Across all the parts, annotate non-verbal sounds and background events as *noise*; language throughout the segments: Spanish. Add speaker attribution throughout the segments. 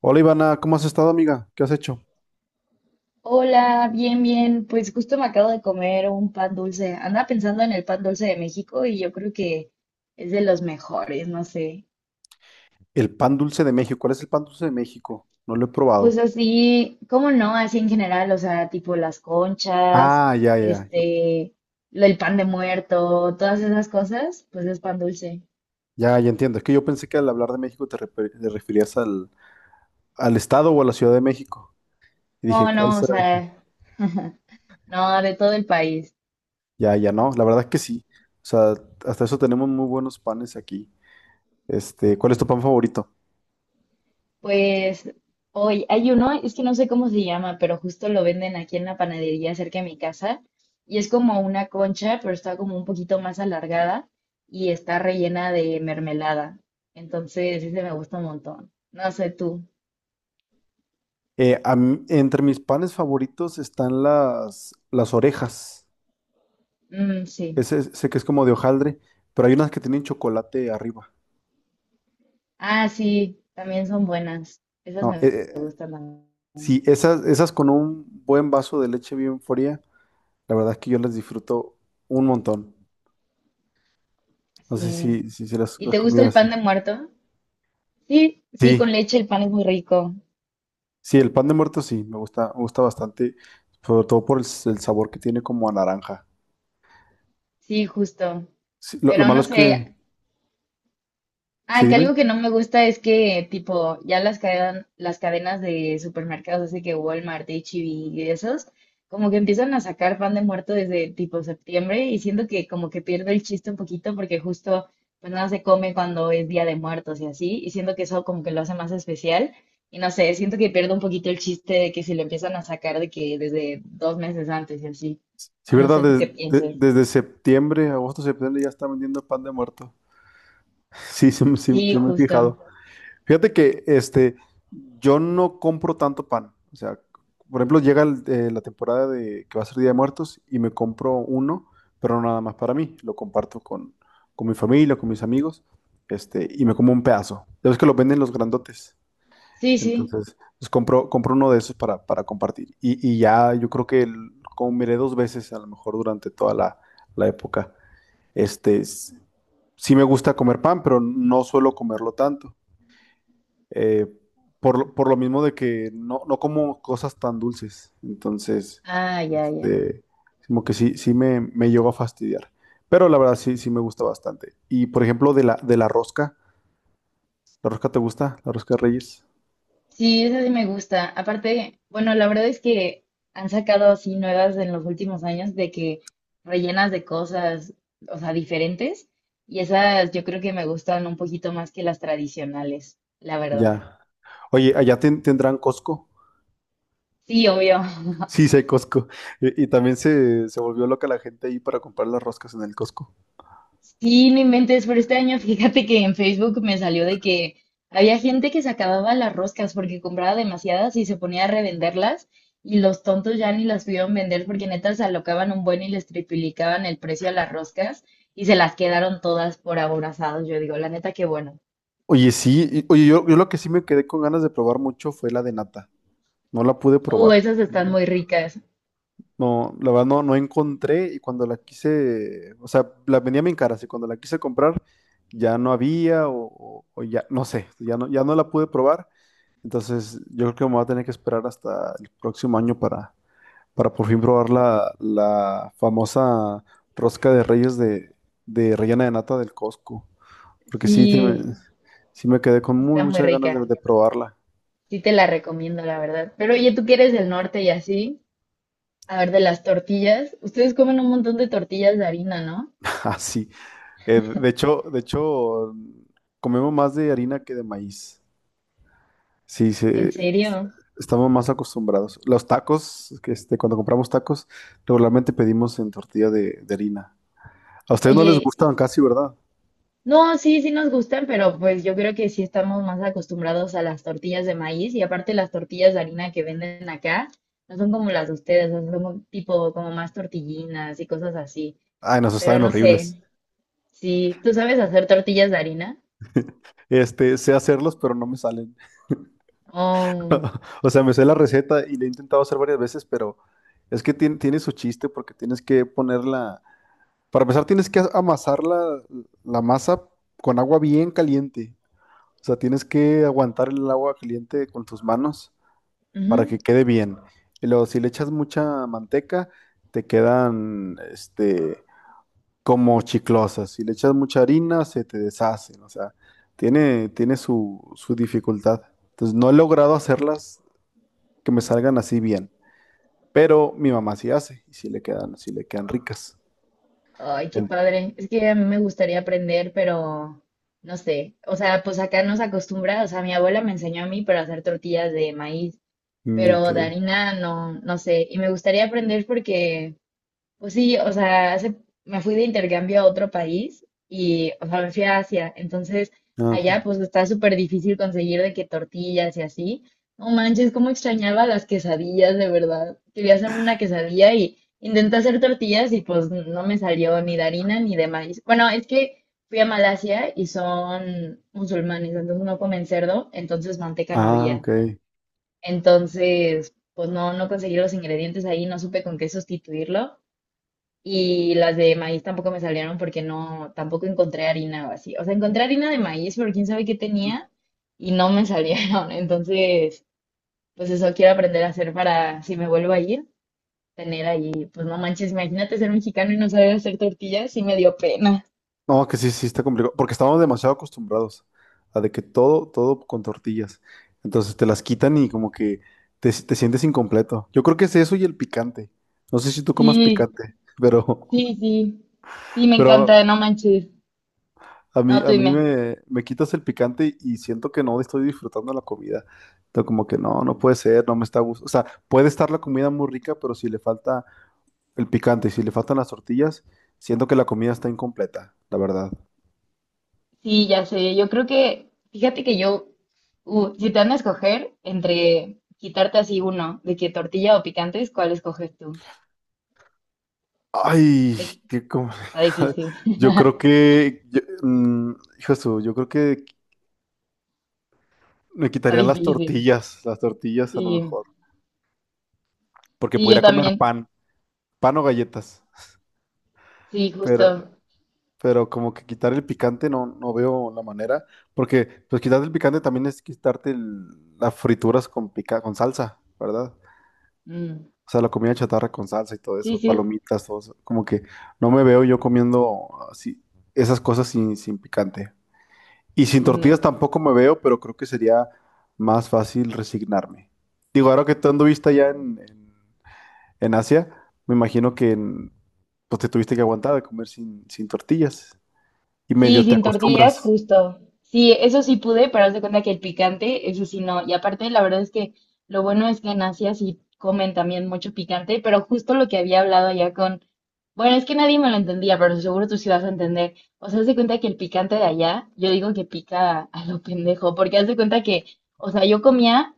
Speaker 1: Hola Ivana, ¿cómo has estado, amiga? ¿Qué has hecho?
Speaker 2: Hola, bien, bien. Pues justo me acabo de comer un pan dulce. Andaba pensando en el pan dulce de México y yo creo que es de los mejores, no sé.
Speaker 1: El pan dulce de México. ¿Cuál es el pan dulce de México? No lo he
Speaker 2: Pues
Speaker 1: probado.
Speaker 2: así, ¿cómo no? Así en general, o sea, tipo las conchas,
Speaker 1: Ah, ya, ya, ya,
Speaker 2: este, el pan de muerto, todas esas cosas, pues es pan dulce.
Speaker 1: ya, ya entiendo. Es que yo pensé que al hablar de México te referías al, al estado o a la Ciudad de México. Y dije,
Speaker 2: No,
Speaker 1: ¿cuál
Speaker 2: no, o
Speaker 1: será?
Speaker 2: sea, *laughs* no, de todo el país.
Speaker 1: Ya, ya, no. La verdad es que sí. O sea, hasta eso tenemos muy buenos panes aquí. ¿Cuál es tu pan favorito?
Speaker 2: Pues hoy hay uno, es que no sé cómo se llama, pero justo lo venden aquí en la panadería cerca de mi casa y es como una concha, pero está como un poquito más alargada y está rellena de mermelada. Entonces, ese me gusta un montón. No sé tú.
Speaker 1: A mí- entre mis panes favoritos están las orejas.
Speaker 2: Mm, sí.
Speaker 1: Ese, sé que es como de hojaldre, pero hay unas que tienen chocolate arriba.
Speaker 2: Ah, sí, también son buenas. Esas
Speaker 1: No,
Speaker 2: me gustan también.
Speaker 1: sí, esas con un buen vaso de leche bien fría, la verdad es que yo las disfruto un montón. No sé
Speaker 2: Sí.
Speaker 1: si
Speaker 2: ¿Y
Speaker 1: las
Speaker 2: te gusta el
Speaker 1: comidas
Speaker 2: pan
Speaker 1: así.
Speaker 2: de muerto? Sí, sí, con
Speaker 1: Sí,
Speaker 2: leche el pan es muy rico.
Speaker 1: sí, el pan de muerto sí, me gusta bastante, sobre todo por el sabor que tiene como a naranja.
Speaker 2: Sí, justo.
Speaker 1: Sí, lo
Speaker 2: Pero
Speaker 1: malo
Speaker 2: no
Speaker 1: es que,
Speaker 2: sé,
Speaker 1: sí,
Speaker 2: ah, que
Speaker 1: dime.
Speaker 2: algo que no me gusta es que, tipo, ya las cadenas de supermercados, así que Walmart, H-E-B y esos, como que empiezan a sacar pan de muerto desde tipo septiembre y siento que como que pierde el chiste un poquito porque justo pues nada se come cuando es Día de Muertos y así, y siento que eso como que lo hace más especial y no sé, siento que pierde un poquito el chiste de que si lo empiezan a sacar de que desde dos meses antes y así,
Speaker 1: Sí,
Speaker 2: o no
Speaker 1: ¿verdad?
Speaker 2: sé tú qué pienses.
Speaker 1: Desde septiembre, agosto, septiembre ya está vendiendo pan de muerto. *laughs* Sí, sí, sí,
Speaker 2: Sí,
Speaker 1: sí me he
Speaker 2: justo.
Speaker 1: fijado. Fíjate que yo no compro tanto pan. O sea, por ejemplo, llega la temporada de que va a ser Día de Muertos y me compro uno, pero no nada más para mí. Lo comparto con mi familia, con mis amigos, y me como un pedazo. Ya ves que lo venden los grandotes.
Speaker 2: Sí, sí.
Speaker 1: Entonces, pues compro uno de esos para compartir. Y ya yo creo que comeré dos veces a lo mejor durante toda la época. Este, s- sí me gusta comer pan, pero no suelo comerlo tanto eh, por, por lo mismo de que no, no como cosas tan dulces. Entonces,
Speaker 2: Ah, ya, ya.
Speaker 1: este, como que sí, sí me llegó a fastidiar. Pero la verdad sí, sí me gusta bastante. Y por ejemplo, de de ¿la rosca te gusta? ¿La rosca de Reyes?
Speaker 2: Sí, esa sí me gusta. Aparte, bueno, la verdad es que han sacado así nuevas en los últimos años de que rellenas de cosas, o sea, diferentes. Y esas yo creo que me gustan un poquito más que las tradicionales, la verdad.
Speaker 1: Ya. Oye, ¿allá tendrán Costco? *laughs*
Speaker 2: Sí, obvio.
Speaker 1: Sí, sí hay Costco. Y también se volvió loca la gente ahí para comprar las roscas en el Costco.
Speaker 2: Sí, no inventes, pero este año fíjate que en Facebook me salió de que había gente que se acababa las roscas porque compraba demasiadas y se ponía a revenderlas y los tontos ya ni las pudieron vender porque neta se alocaban un buen y les triplicaban el precio a las roscas y se las quedaron todas por aborazados. Yo digo, la neta, qué bueno.
Speaker 1: Oye, sí, oye, yo lo que sí me quedé con ganas de probar mucho fue la de nata. No la pude probar.
Speaker 2: Esas están
Speaker 1: No,
Speaker 2: muy ricas.
Speaker 1: no, la verdad no, no encontré y cuando la quise, o sea, la vendía bien cara, y cuando la quise comprar ya no había o ya, no sé, ya no la pude probar, entonces yo creo que me voy a tener que esperar hasta el próximo año para por fin probar la famosa rosca de reyes de rellena de nata del Costco, porque sí,
Speaker 2: Sí,
Speaker 1: sí me quedé con
Speaker 2: sí
Speaker 1: muy
Speaker 2: están muy
Speaker 1: muchas ganas
Speaker 2: ricas.
Speaker 1: de probarla.
Speaker 2: Sí te la recomiendo, la verdad. Pero oye, tú que eres del norte y así, a ver, de las tortillas, ustedes comen un montón de tortillas de harina, ¿no?
Speaker 1: *laughs* Así, de hecho, comemos más de harina que de maíz. Sí,
Speaker 2: ¿En
Speaker 1: se,
Speaker 2: serio?
Speaker 1: estamos más acostumbrados. Los tacos, que cuando compramos tacos, regularmente pedimos en tortilla de harina. A ustedes no les
Speaker 2: Oye,
Speaker 1: gustan casi, ¿verdad?
Speaker 2: no, sí, sí nos gustan, pero pues yo creo que sí estamos más acostumbrados a las tortillas de maíz y aparte las tortillas de harina que venden acá no son como las de ustedes, o sea, son como tipo como más tortillinas y cosas así.
Speaker 1: Ay, nos
Speaker 2: Pero
Speaker 1: saben
Speaker 2: no
Speaker 1: horribles.
Speaker 2: sé, si tú sabes hacer tortillas de harina.
Speaker 1: Sé hacerlos, pero no me salen.
Speaker 2: Oh,
Speaker 1: *laughs* O sea, me sé la receta y la he intentado hacer varias veces, pero es que tiene, su chiste porque tienes que ponerla. Para empezar, tienes que amasar la masa con agua bien caliente. O sea, tienes que aguantar el agua caliente con tus manos para
Speaker 2: ujú.
Speaker 1: que quede bien. Y luego, si le echas mucha manteca, te quedan, como chiclosas. Si le echas mucha harina, se te deshacen. O sea, tiene, tiene su dificultad. Entonces, no he logrado hacerlas que me salgan así bien. Pero mi mamá sí hace y sí le quedan ricas.
Speaker 2: Ay, qué
Speaker 1: En-
Speaker 2: padre. Es que a mí me gustaría aprender, pero no sé. O sea, pues acá nos acostumbra, o sea, mi abuela me enseñó a mí, pero a hacer tortillas de maíz.
Speaker 1: ok.
Speaker 2: Pero de harina no, no sé. Y me gustaría aprender porque, pues sí, o sea, me fui de intercambio a otro país y, o sea, me fui a Asia. Entonces,
Speaker 1: Ah,
Speaker 2: allá
Speaker 1: ok.
Speaker 2: pues está súper difícil conseguir de que tortillas y así. No manches, cómo extrañaba las quesadillas, de verdad. Quería hacerme una quesadilla y intenté hacer tortillas y pues no me salió ni de harina ni de maíz. Bueno, es que fui a Malasia y son musulmanes, entonces no comen cerdo, entonces manteca no
Speaker 1: Ah,
Speaker 2: había.
Speaker 1: ok.
Speaker 2: Entonces, pues no, no conseguí los ingredientes ahí, no supe con qué sustituirlo. Y las de maíz tampoco me salieron porque no, tampoco encontré harina o así. O sea, encontré harina de maíz, pero quién sabe qué tenía y no me salieron. *laughs* Entonces, pues eso quiero aprender a hacer para si me vuelvo a ir, tener ahí, pues no manches, imagínate ser mexicano y no saber hacer tortillas, sí me dio pena.
Speaker 1: No, que sí, sí está complicado, porque estamos demasiado acostumbrados a de que todo, todo con tortillas. Entonces te las quitan y como que te sientes incompleto. Yo creo que es eso y el picante. No sé si tú comas
Speaker 2: Sí,
Speaker 1: picante, pero, *laughs*
Speaker 2: sí, sí. Sí, me
Speaker 1: pero
Speaker 2: encanta, no manches. No, tú
Speaker 1: a mí
Speaker 2: dime.
Speaker 1: me quitas el picante y siento que no estoy disfrutando la comida. Entonces como que no, no puede ser, no me está gustando. O sea, puede estar la comida muy rica, pero si le falta el picante y si le faltan las tortillas, siento que la comida está incompleta, la verdad.
Speaker 2: Sí, ya sé. Yo creo que, fíjate que yo, si te van a escoger entre quitarte así uno, de que tortilla o picantes, ¿cuál escoges tú?
Speaker 1: Ay,
Speaker 2: Sí,
Speaker 1: qué
Speaker 2: está
Speaker 1: complicado.
Speaker 2: difícil,
Speaker 1: *laughs* Yo
Speaker 2: *laughs*
Speaker 1: creo que, hijo de su, yo creo que me
Speaker 2: está
Speaker 1: quitaría
Speaker 2: difícil.
Speaker 1: las tortillas a lo
Speaker 2: Sí,
Speaker 1: mejor, porque
Speaker 2: sí, yo
Speaker 1: podría comer
Speaker 2: también.
Speaker 1: pan, pan o galletas,
Speaker 2: Sí,
Speaker 1: pero,
Speaker 2: justo.
Speaker 1: pero como que quitar el picante no, no veo la manera, porque pues quitar el picante también es quitarte las frituras con pica, con salsa, ¿verdad?
Speaker 2: Mm,
Speaker 1: O sea, la comida chatarra con salsa y todo
Speaker 2: sí,
Speaker 1: eso,
Speaker 2: sí,
Speaker 1: palomitas, todo eso, como que no me veo yo comiendo así, esas cosas sin, sin picante. Y sin
Speaker 2: sí, ni
Speaker 1: tortillas
Speaker 2: idea.
Speaker 1: tampoco me veo, pero creo que sería más fácil resignarme. Digo, ahora que tú anduviste allá en, en Asia, me imagino que pues te tuviste que aguantar de comer sin, sin tortillas. Y
Speaker 2: Sí,
Speaker 1: medio te
Speaker 2: sin tortillas,
Speaker 1: acostumbras.
Speaker 2: justo. Sí, eso sí pude, pero haz de cuenta que el picante, eso sí no. Y aparte, la verdad es que lo bueno es que en Asia sí comen también mucho picante, pero justo lo que había hablado ya con... Bueno, es que nadie me lo entendía, pero seguro tú sí vas a entender. O sea, haz de cuenta que el picante de allá, yo digo que pica a lo pendejo, porque haz de cuenta que, o sea, yo comía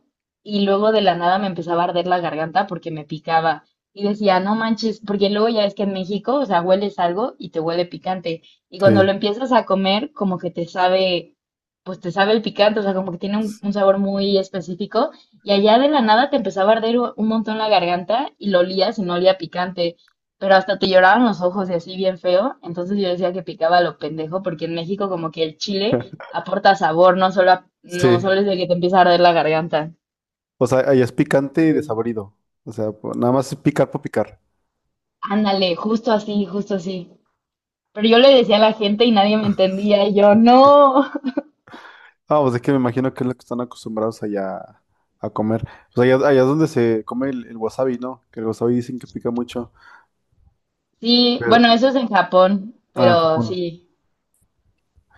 Speaker 2: y luego de la nada me empezaba a arder la garganta porque me picaba. Y decía, no manches, porque luego ya es que en México, o sea, hueles algo y te huele picante. Y cuando
Speaker 1: Sí.
Speaker 2: lo empiezas a comer, como que te sabe, pues te sabe el picante, o sea, como que tiene un sabor muy específico. Y allá de la nada te empezaba a arder un montón la garganta y lo olías y no olía picante, pero hasta te lloraban los ojos y así bien feo. Entonces yo decía que picaba a lo pendejo, porque en México como que el chile
Speaker 1: *laughs*
Speaker 2: aporta sabor, no solo, no
Speaker 1: Sí.
Speaker 2: solo es de que te empieza a arder la garganta.
Speaker 1: O sea, allá es picante y
Speaker 2: Sí.
Speaker 1: desabrido. O sea, nada más es picar por picar.
Speaker 2: Ándale, justo así, justo así. Pero yo le decía a la gente y nadie me entendía, y yo, no.
Speaker 1: Ah, pues es que me imagino que es lo que están acostumbrados allá a comer. Pues allá, allá es donde se come el wasabi, ¿no? Que el wasabi dicen que pica mucho.
Speaker 2: Sí,
Speaker 1: Pero,
Speaker 2: bueno, eso es en Japón,
Speaker 1: ah, en
Speaker 2: pero
Speaker 1: Japón.
Speaker 2: sí,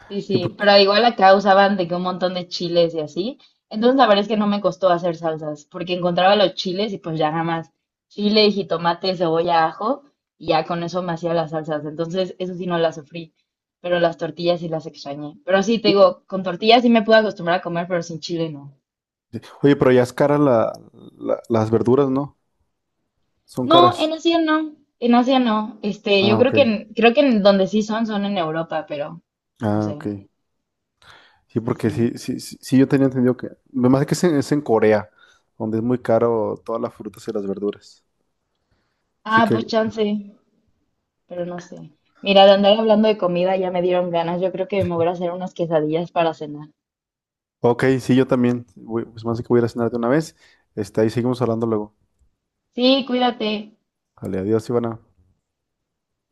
Speaker 2: sí,
Speaker 1: Sí,
Speaker 2: sí,
Speaker 1: por-
Speaker 2: pero igual acá usaban de que un montón de chiles y así. Entonces la verdad es que no me costó hacer salsas, porque encontraba los chiles y pues ya nada más chile, jitomate, cebolla, ajo, y ya con eso me hacía las salsas. Entonces eso sí no las sufrí, pero las tortillas sí las extrañé. Pero sí, te digo, con tortillas sí me pude acostumbrar a comer, pero sin chile no.
Speaker 1: Oye, pero ya es cara las verduras, ¿no? Son
Speaker 2: No, en
Speaker 1: caras.
Speaker 2: Asia no, en Asia no. Este, yo
Speaker 1: Ah,
Speaker 2: creo
Speaker 1: ok.
Speaker 2: que creo que en donde sí son en Europa, pero no
Speaker 1: Ah,
Speaker 2: sé.
Speaker 1: ok. Sí,
Speaker 2: Sí,
Speaker 1: porque
Speaker 2: sí.
Speaker 1: sí, sí, sí, sí, yo tenía entendido que... Me parece que es es en Corea, donde es muy caro todas las frutas y las verduras. Así
Speaker 2: Ah,
Speaker 1: que,
Speaker 2: pues chance, pero no sé. Mira, de andar hablando de comida ya me dieron ganas. Yo creo que me voy a hacer unas quesadillas para cenar.
Speaker 1: ok, sí, yo también. Voy- pues más que voy a ir a cenar de una vez. Ahí seguimos hablando luego.
Speaker 2: Sí, cuídate.
Speaker 1: Vale, adiós, Ivana.